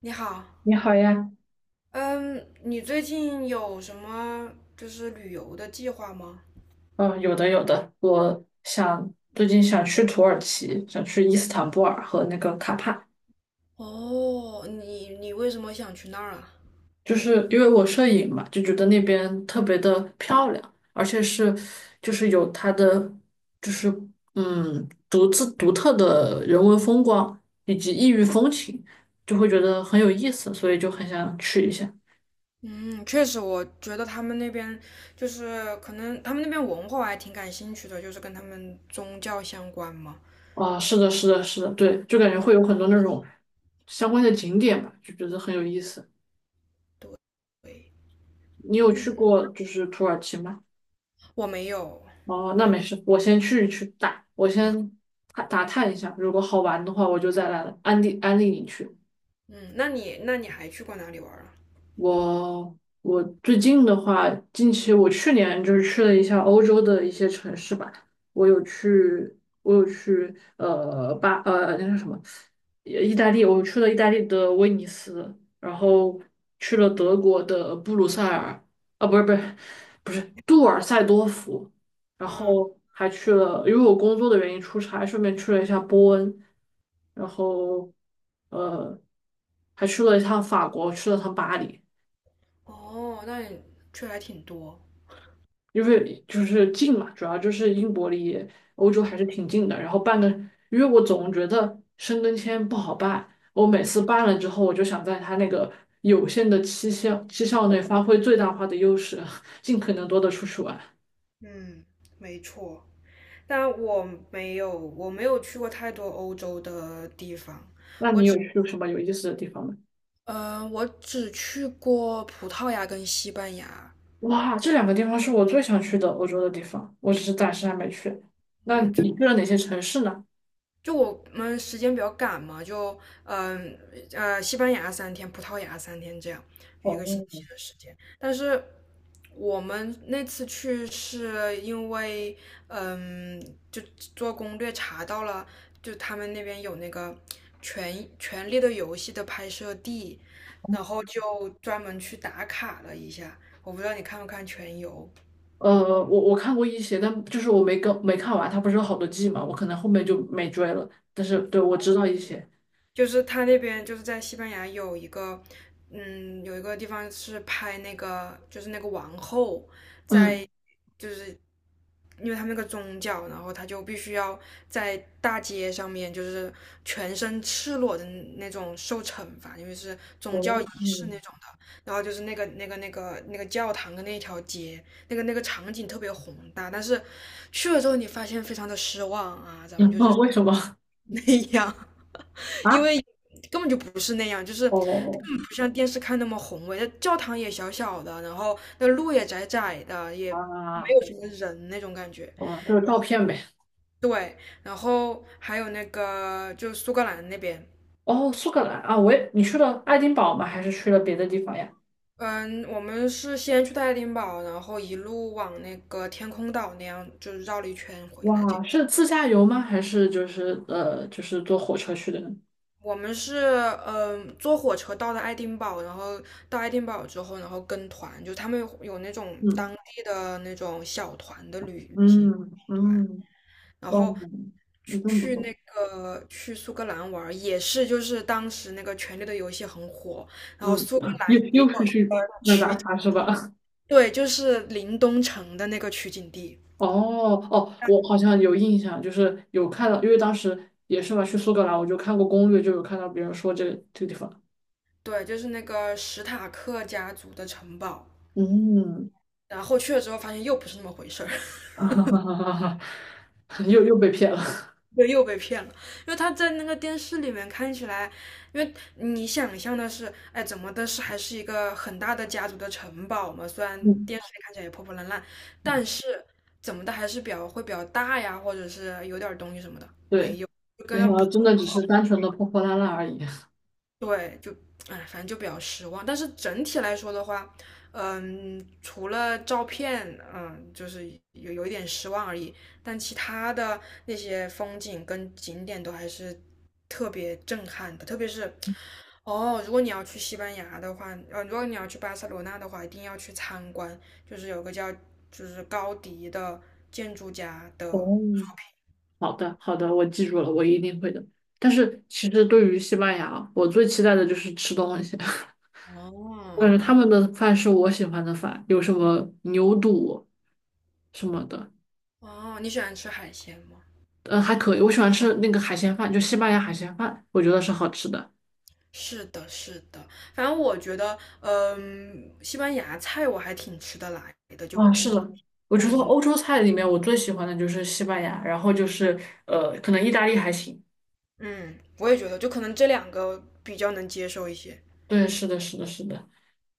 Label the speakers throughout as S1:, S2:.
S1: 你好。
S2: 你好呀，
S1: 嗯，你最近有什么就是旅游的计划吗？
S2: 嗯，有的有的，我想最近想去土耳其，想去伊斯坦布尔和那个卡帕，
S1: 哦，你为什么想去那儿啊？
S2: 就是因为我摄影嘛，就觉得那边特别的漂亮，而且是就是有它的就是独特的人文风光以及异域风情，就会觉得很有意思，所以就很想去一下。
S1: 嗯，确实，我觉得他们那边就是可能他们那边文化我还挺感兴趣的，就是跟他们宗教相关嘛。
S2: 啊，是的，是的，是的，对，就感觉会有很多那种相关的景点吧，就觉得很有意思。
S1: 对。
S2: 你有去
S1: 嗯，
S2: 过就是土耳其吗？
S1: 我没有。
S2: 哦，
S1: 我
S2: 那
S1: 没。
S2: 没事，我先去去打，我先打打探一下，如果好玩的话，我就再来安利安利你去。
S1: 嗯，那你还去过哪里玩儿啊？
S2: 我最近的话，近期我去年就是去了一下欧洲的一些城市吧，我有去呃巴呃那个什么，意大利，我去了意大利的威尼斯，然后去了德国的布鲁塞尔，啊不是不是不是杜尔塞多夫，然
S1: 嗯，
S2: 后还去了，因为我工作的原因出差，顺便去了一下波恩，然后呃还去了一趟法国，去了趟巴黎。
S1: 哦，那你去还挺多。
S2: 因为就是近嘛，主要就是英国离欧洲还是挺近的。然后办个，因为我总觉得申根签不好办，我每次办了之后，我就想在它那个有限的期限期效内发挥最大化的优势，尽可能多的出去玩。
S1: 嗯，没错。但我没有去过太多欧洲的地方。
S2: 那
S1: 我
S2: 你
S1: 只，
S2: 有去什么有意思的地方吗？
S1: 我只去过葡萄牙跟西班牙。
S2: 哇，这两个地方是我最想去的欧洲的地方，我只是暂时还没去。那
S1: 嗯，就
S2: 你去了哪些城市呢？
S1: 就我们时间比较赶嘛，嗯西班牙三天，葡萄牙三天这样，
S2: 哦
S1: 一个星期的时间。但是我们那次去是因为嗯，就做攻略查到了，就他们那边有那个《权力的游戏》的拍摄地，然后就专门去打卡了一下。我不知道你看不看《全游》。
S2: 呃，我看过一些，但就是我没看完，它不是有好多季嘛，我可能后面就没追了。但是对，我知道一些，
S1: 就是他那边就是在西班牙有一个，有一个地方是拍那个，就是那个王后在，
S2: 嗯，
S1: 就是因为他们那个宗教，然后他就必须要在大街上面就是全身赤裸的那种受惩罚，因为是宗教
S2: 哦，
S1: 仪式那
S2: 嗯
S1: 种的。然后就是那个教堂的那条街，那个场景特别宏大，但是去了之后你发现非常的失望啊，咱们就是
S2: 后 为什么？
S1: 那样。因
S2: 啊，
S1: 为根本就不是那样，就是根
S2: 哦
S1: 本不像电视看那么宏伟。那教堂也小小的，然后那路也窄窄的，也没
S2: 啊，
S1: 有什么人那种感觉。
S2: 哦。就是照片呗。
S1: 对，然后还有那个就苏格兰那边。
S2: 哦，苏格兰啊，我也，你去了爱丁堡吗？还是去了别的地方呀？
S1: 嗯，我们是先去爱丁堡，然后一路往那个天空岛那样，就是绕了一圈回来这
S2: 哇，
S1: 样。
S2: 是自驾游吗？还是就是坐火车去的呢？
S1: 我们是坐火车到的爱丁堡，然后到爱丁堡之后，然后跟团，就他们有那种
S2: 嗯
S1: 当地的那种小团的旅行
S2: 嗯
S1: 团，
S2: 嗯，
S1: 然
S2: 哇，
S1: 后
S2: 你真不
S1: 去
S2: 错。
S1: 那个去苏格兰玩儿也是就是当时那个《权力的游戏》很火，然后
S2: 嗯，
S1: 苏格兰
S2: 又
S1: 也
S2: 又是
S1: 有。
S2: 去那打卡是吧？
S1: 对，就是林东城的那个取景地。
S2: 哦哦，我好像有印象，就是有看到，因为当时也是嘛，去苏格兰我就看过攻略，就有看到别人说这个这个地方，
S1: 对，就是那个史塔克家族的城堡，
S2: 嗯，
S1: 然后去了之后发现又不是那么回事儿。
S2: 又被骗了，
S1: 对，又被骗了，因为他在那个电视里面看起来，因为你想象的是，哎，怎么的是还是一个很大的家族的城堡嘛，虽然
S2: 嗯，
S1: 电视里看起来也破破烂烂，但 是怎么的还是比较会比较大呀，或者是有点儿东西什么的，没
S2: 对，
S1: 有，就跟
S2: 没
S1: 那
S2: 想到
S1: 破。
S2: 真的只是单纯的破破烂烂而已。
S1: 对，就哎，反正就比较失望。但是整体来说的话，除了照片，就是有一点失望而已。但其他的那些风景跟景点都还是特别震撼的，特别是哦，如果你要去西班牙的话，如果你要去巴塞罗那的话，一定要去参观，就是有个叫就是高迪的建筑家的。
S2: 哦，好的好的，我记住了，我一定会的。但是其实对于西班牙，我最期待的就是吃东西，我感觉他
S1: 哦
S2: 们的饭是我喜欢的饭，有什么牛肚什么的。
S1: 哦，你喜欢吃海鲜吗？
S2: 嗯，还可以，我喜欢吃那个海鲜饭，就西班牙海鲜饭，我觉得是好吃的。
S1: 是的，是的，反正我觉得，西班牙菜我还挺吃得来的，就
S2: 啊，是
S1: 不。
S2: 的，我觉得欧洲菜里面我最喜欢的就是西班牙，然后就是可能意大利还行。
S1: 嗯，我也觉得，就可能这两个比较能接受一些。
S2: 对，是的，是的，是的，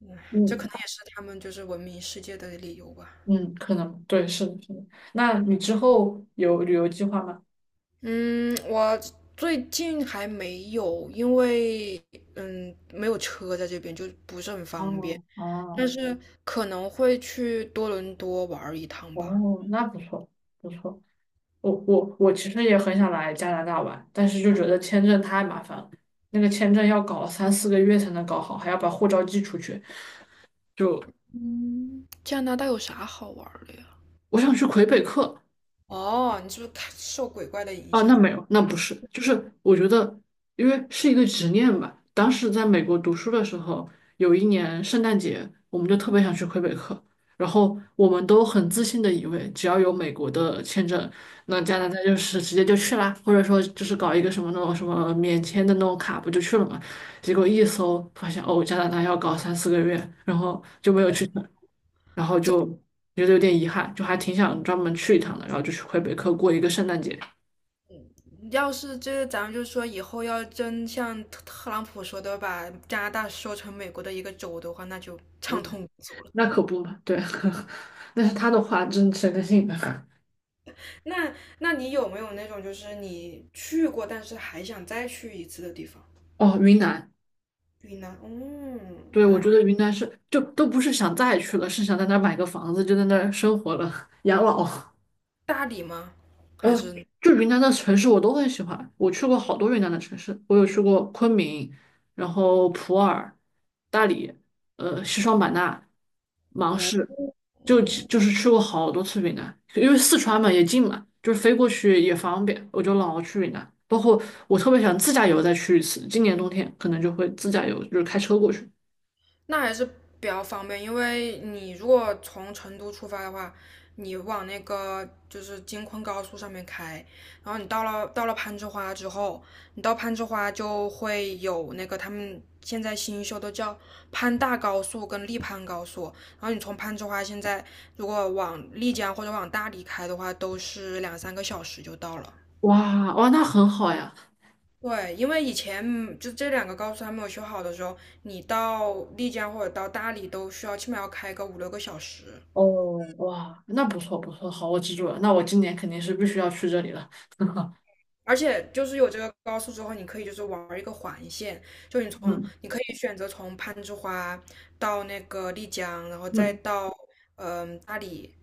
S1: 嗯，这可
S2: 嗯
S1: 能也是他们就是闻名世界的理由吧。
S2: 嗯，可能对，是的，是的。那你之后有旅游计划吗？
S1: 嗯，我最近还没有，因为没有车在这边，就不是很方便，
S2: 哦
S1: 但
S2: 哦
S1: 是可能会去多伦多玩儿一趟吧。
S2: 哦，那不错不错。我其实也很想来加拿大玩，但是就觉得签证太麻烦了，那个签证要搞三四个月才能搞好，还要把护照寄出去。就。
S1: 嗯，加拿大有啥好玩儿的呀？
S2: 我想去魁北克
S1: 哦，你是不是看受鬼怪的影
S2: 啊，那
S1: 响？
S2: 没有，那不是，就是我觉得，因为是一个执念吧。当时在美国读书的时候，有一年圣诞节，我们就特别想去魁北克，然后我们都很自信的以为，只要有美国的签证，那加拿大就是直接就去啦，或者说就是搞一个什么那种什么免签的那种卡，不就去了嘛？结果一搜发现，哦，加拿大要搞三四个月，然后就没有去成。然后
S1: 这
S2: 就觉得有点遗憾，就还挺想专门去一趟的，然后就去魁北克过一个圣诞节。
S1: 要是这个咱们就说以后要真像特朗普说的，把加拿大收成美国的一个州的话，那就畅
S2: 嗯，
S1: 通无阻了。
S2: 那可不嘛，对，那是他的话，真谁能信呢？
S1: 那你有没有那种就是你去过，但是还想再去一次的地方？
S2: 哦，云南，
S1: 云南，
S2: 对，我
S1: 哪
S2: 觉
S1: 里？
S2: 得云南是就都不是想再去了，是想在那儿买个房子，就在那儿生活了，养老。
S1: 大理吗？还
S2: 呃，
S1: 是？
S2: 就云南的城市我都很喜欢，我去过好多云南的城市，我有去过昆明，然后普洱、大理，呃，西双版纳、芒
S1: 哦，
S2: 市，就就是去过好多次云南，因为四川嘛也近嘛，就是飞过去也方便，我就老去云南。包括我特别想自驾游再去一次，今年冬天可能就会自驾游，就是开车过去。
S1: 那还是比较方便，因为你如果从成都出发的话，你往那个就是京昆高速上面开，然后你到了攀枝花之后，你到攀枝花就会有那个他们现在新修的叫攀大高速跟丽攀高速，然后你从攀枝花现在如果往丽江或者往大理开的话，都是两三个小时就到了。
S2: 哇哇，那很好呀！
S1: 对，因为以前就这两个高速还没有修好的时候，你到丽江或者到大理都需要起码要开个五六个小时，
S2: 哦哇，那不错不错，好，我记住了，那我今年肯定是必须要去这里了。
S1: 而且就是有这个高速之后，你可以就是玩一个环线，就
S2: 嗯。
S1: 你可以选择从攀枝花到那个丽江，然后再
S2: 嗯
S1: 到大理，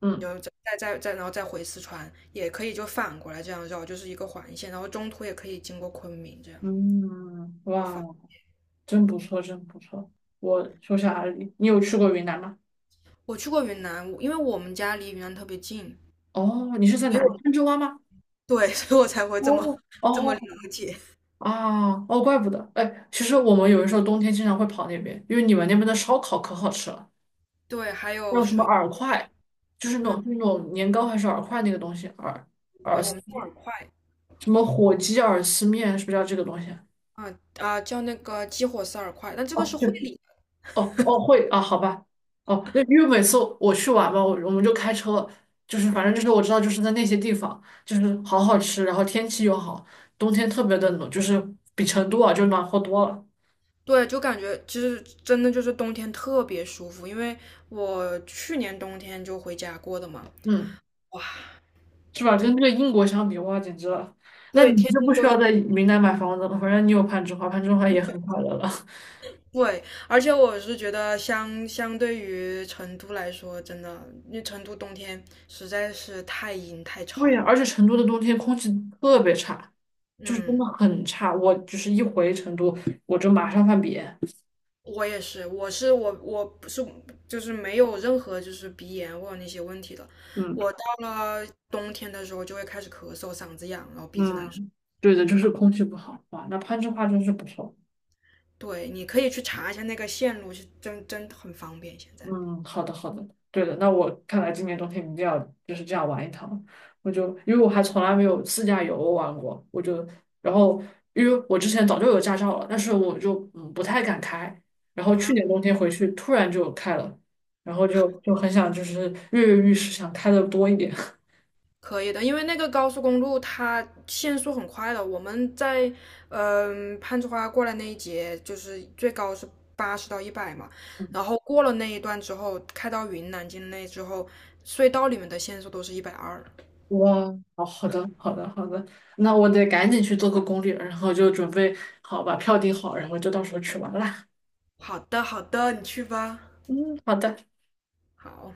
S2: 嗯
S1: 然后再然后再回四川，也可以就反过来这样绕，就是一个环线，然后中途也可以经过昆明这样。
S2: 嗯，哇，真不错，真不错。我说下阿里，你有去过云南吗？
S1: 我去过云南，因为我们家离云南特别近，
S2: 哦，你是在
S1: 所以
S2: 哪里？
S1: 我。
S2: 攀枝花吗？
S1: 对，所以我才会
S2: 哦
S1: 这么了
S2: 哦
S1: 解。
S2: 啊哦，怪不得。哎，其实我们有的时候冬天经常会跑那边，因为你们那边的烧烤可好吃了，
S1: 对，还
S2: 还
S1: 有
S2: 有什么
S1: 水，
S2: 饵块，就是那
S1: 嗯，
S2: 种就是那种年糕还是饵块那个东西，饵饵
S1: 对，我们
S2: 丝
S1: 叫饵块。
S2: 什么火鸡饵丝面，是不是叫这个东西？
S1: 叫那个激活式饵块，但这个
S2: 哦，
S1: 是
S2: 对，
S1: 会理的。
S2: 哦哦会啊，好吧，哦，那因为每次我去玩嘛，我们就开车，就是反正就是我知道就是在那些地方，就是好好吃，然后天气又好，冬天特别的冷，就是比成都啊就暖和多了，
S1: 对，就感觉其实真的就是冬天特别舒服，因为我去年冬天就回家过的嘛，
S2: 嗯，
S1: 哇，
S2: 是吧？
S1: 真
S2: 跟这个英国相比，哇，简直了！那
S1: 对，
S2: 你
S1: 天
S2: 就不
S1: 天
S2: 需
S1: 都有。
S2: 要在云南买房子了，反正你有攀枝花，攀枝花也很快乐了。
S1: 对，而且我是觉得相对于成都来说，真的，因为成都冬天实在是太阴太
S2: 对呀，
S1: 潮了。
S2: 而且成都的冬天空气特别差，就是真
S1: 嗯。
S2: 的很差，我就是一回成都我就马上犯鼻炎。
S1: 我也是，我是我我不是就是没有任何就是鼻炎或者那些问题的。
S2: 嗯。
S1: 我到了冬天的时候就会开始咳嗽，嗓子痒，然后鼻子难受。
S2: 嗯，对的，就是空气不好哇，那攀枝花真是不错。
S1: 对，你可以去查一下那个线路，是真的很方便。现在
S2: 嗯，好的好的，对的，那我看来今年冬天一定要就是这样玩一趟。我就因为我还从来没有自驾游玩过，我就然后因为我之前早就有驾照了，但是我就不太敢开。然后去年冬天回去突然就开了，然后就很想就是跃跃欲试，想开的多一点。
S1: 可以的，因为那个高速公路它限速很快的。我们在攀枝花过来那一节，就是最高是80到100嘛。然后过了那一段之后，开到云南境内之后，隧道里面的限速都是120。
S2: 哇，好好的，好的，好的，那我得赶紧去做个攻略，然后就准备好把票订好，然后就到时候去玩啦。
S1: 好的，好的，你去吧。
S2: 嗯，好的。
S1: 好，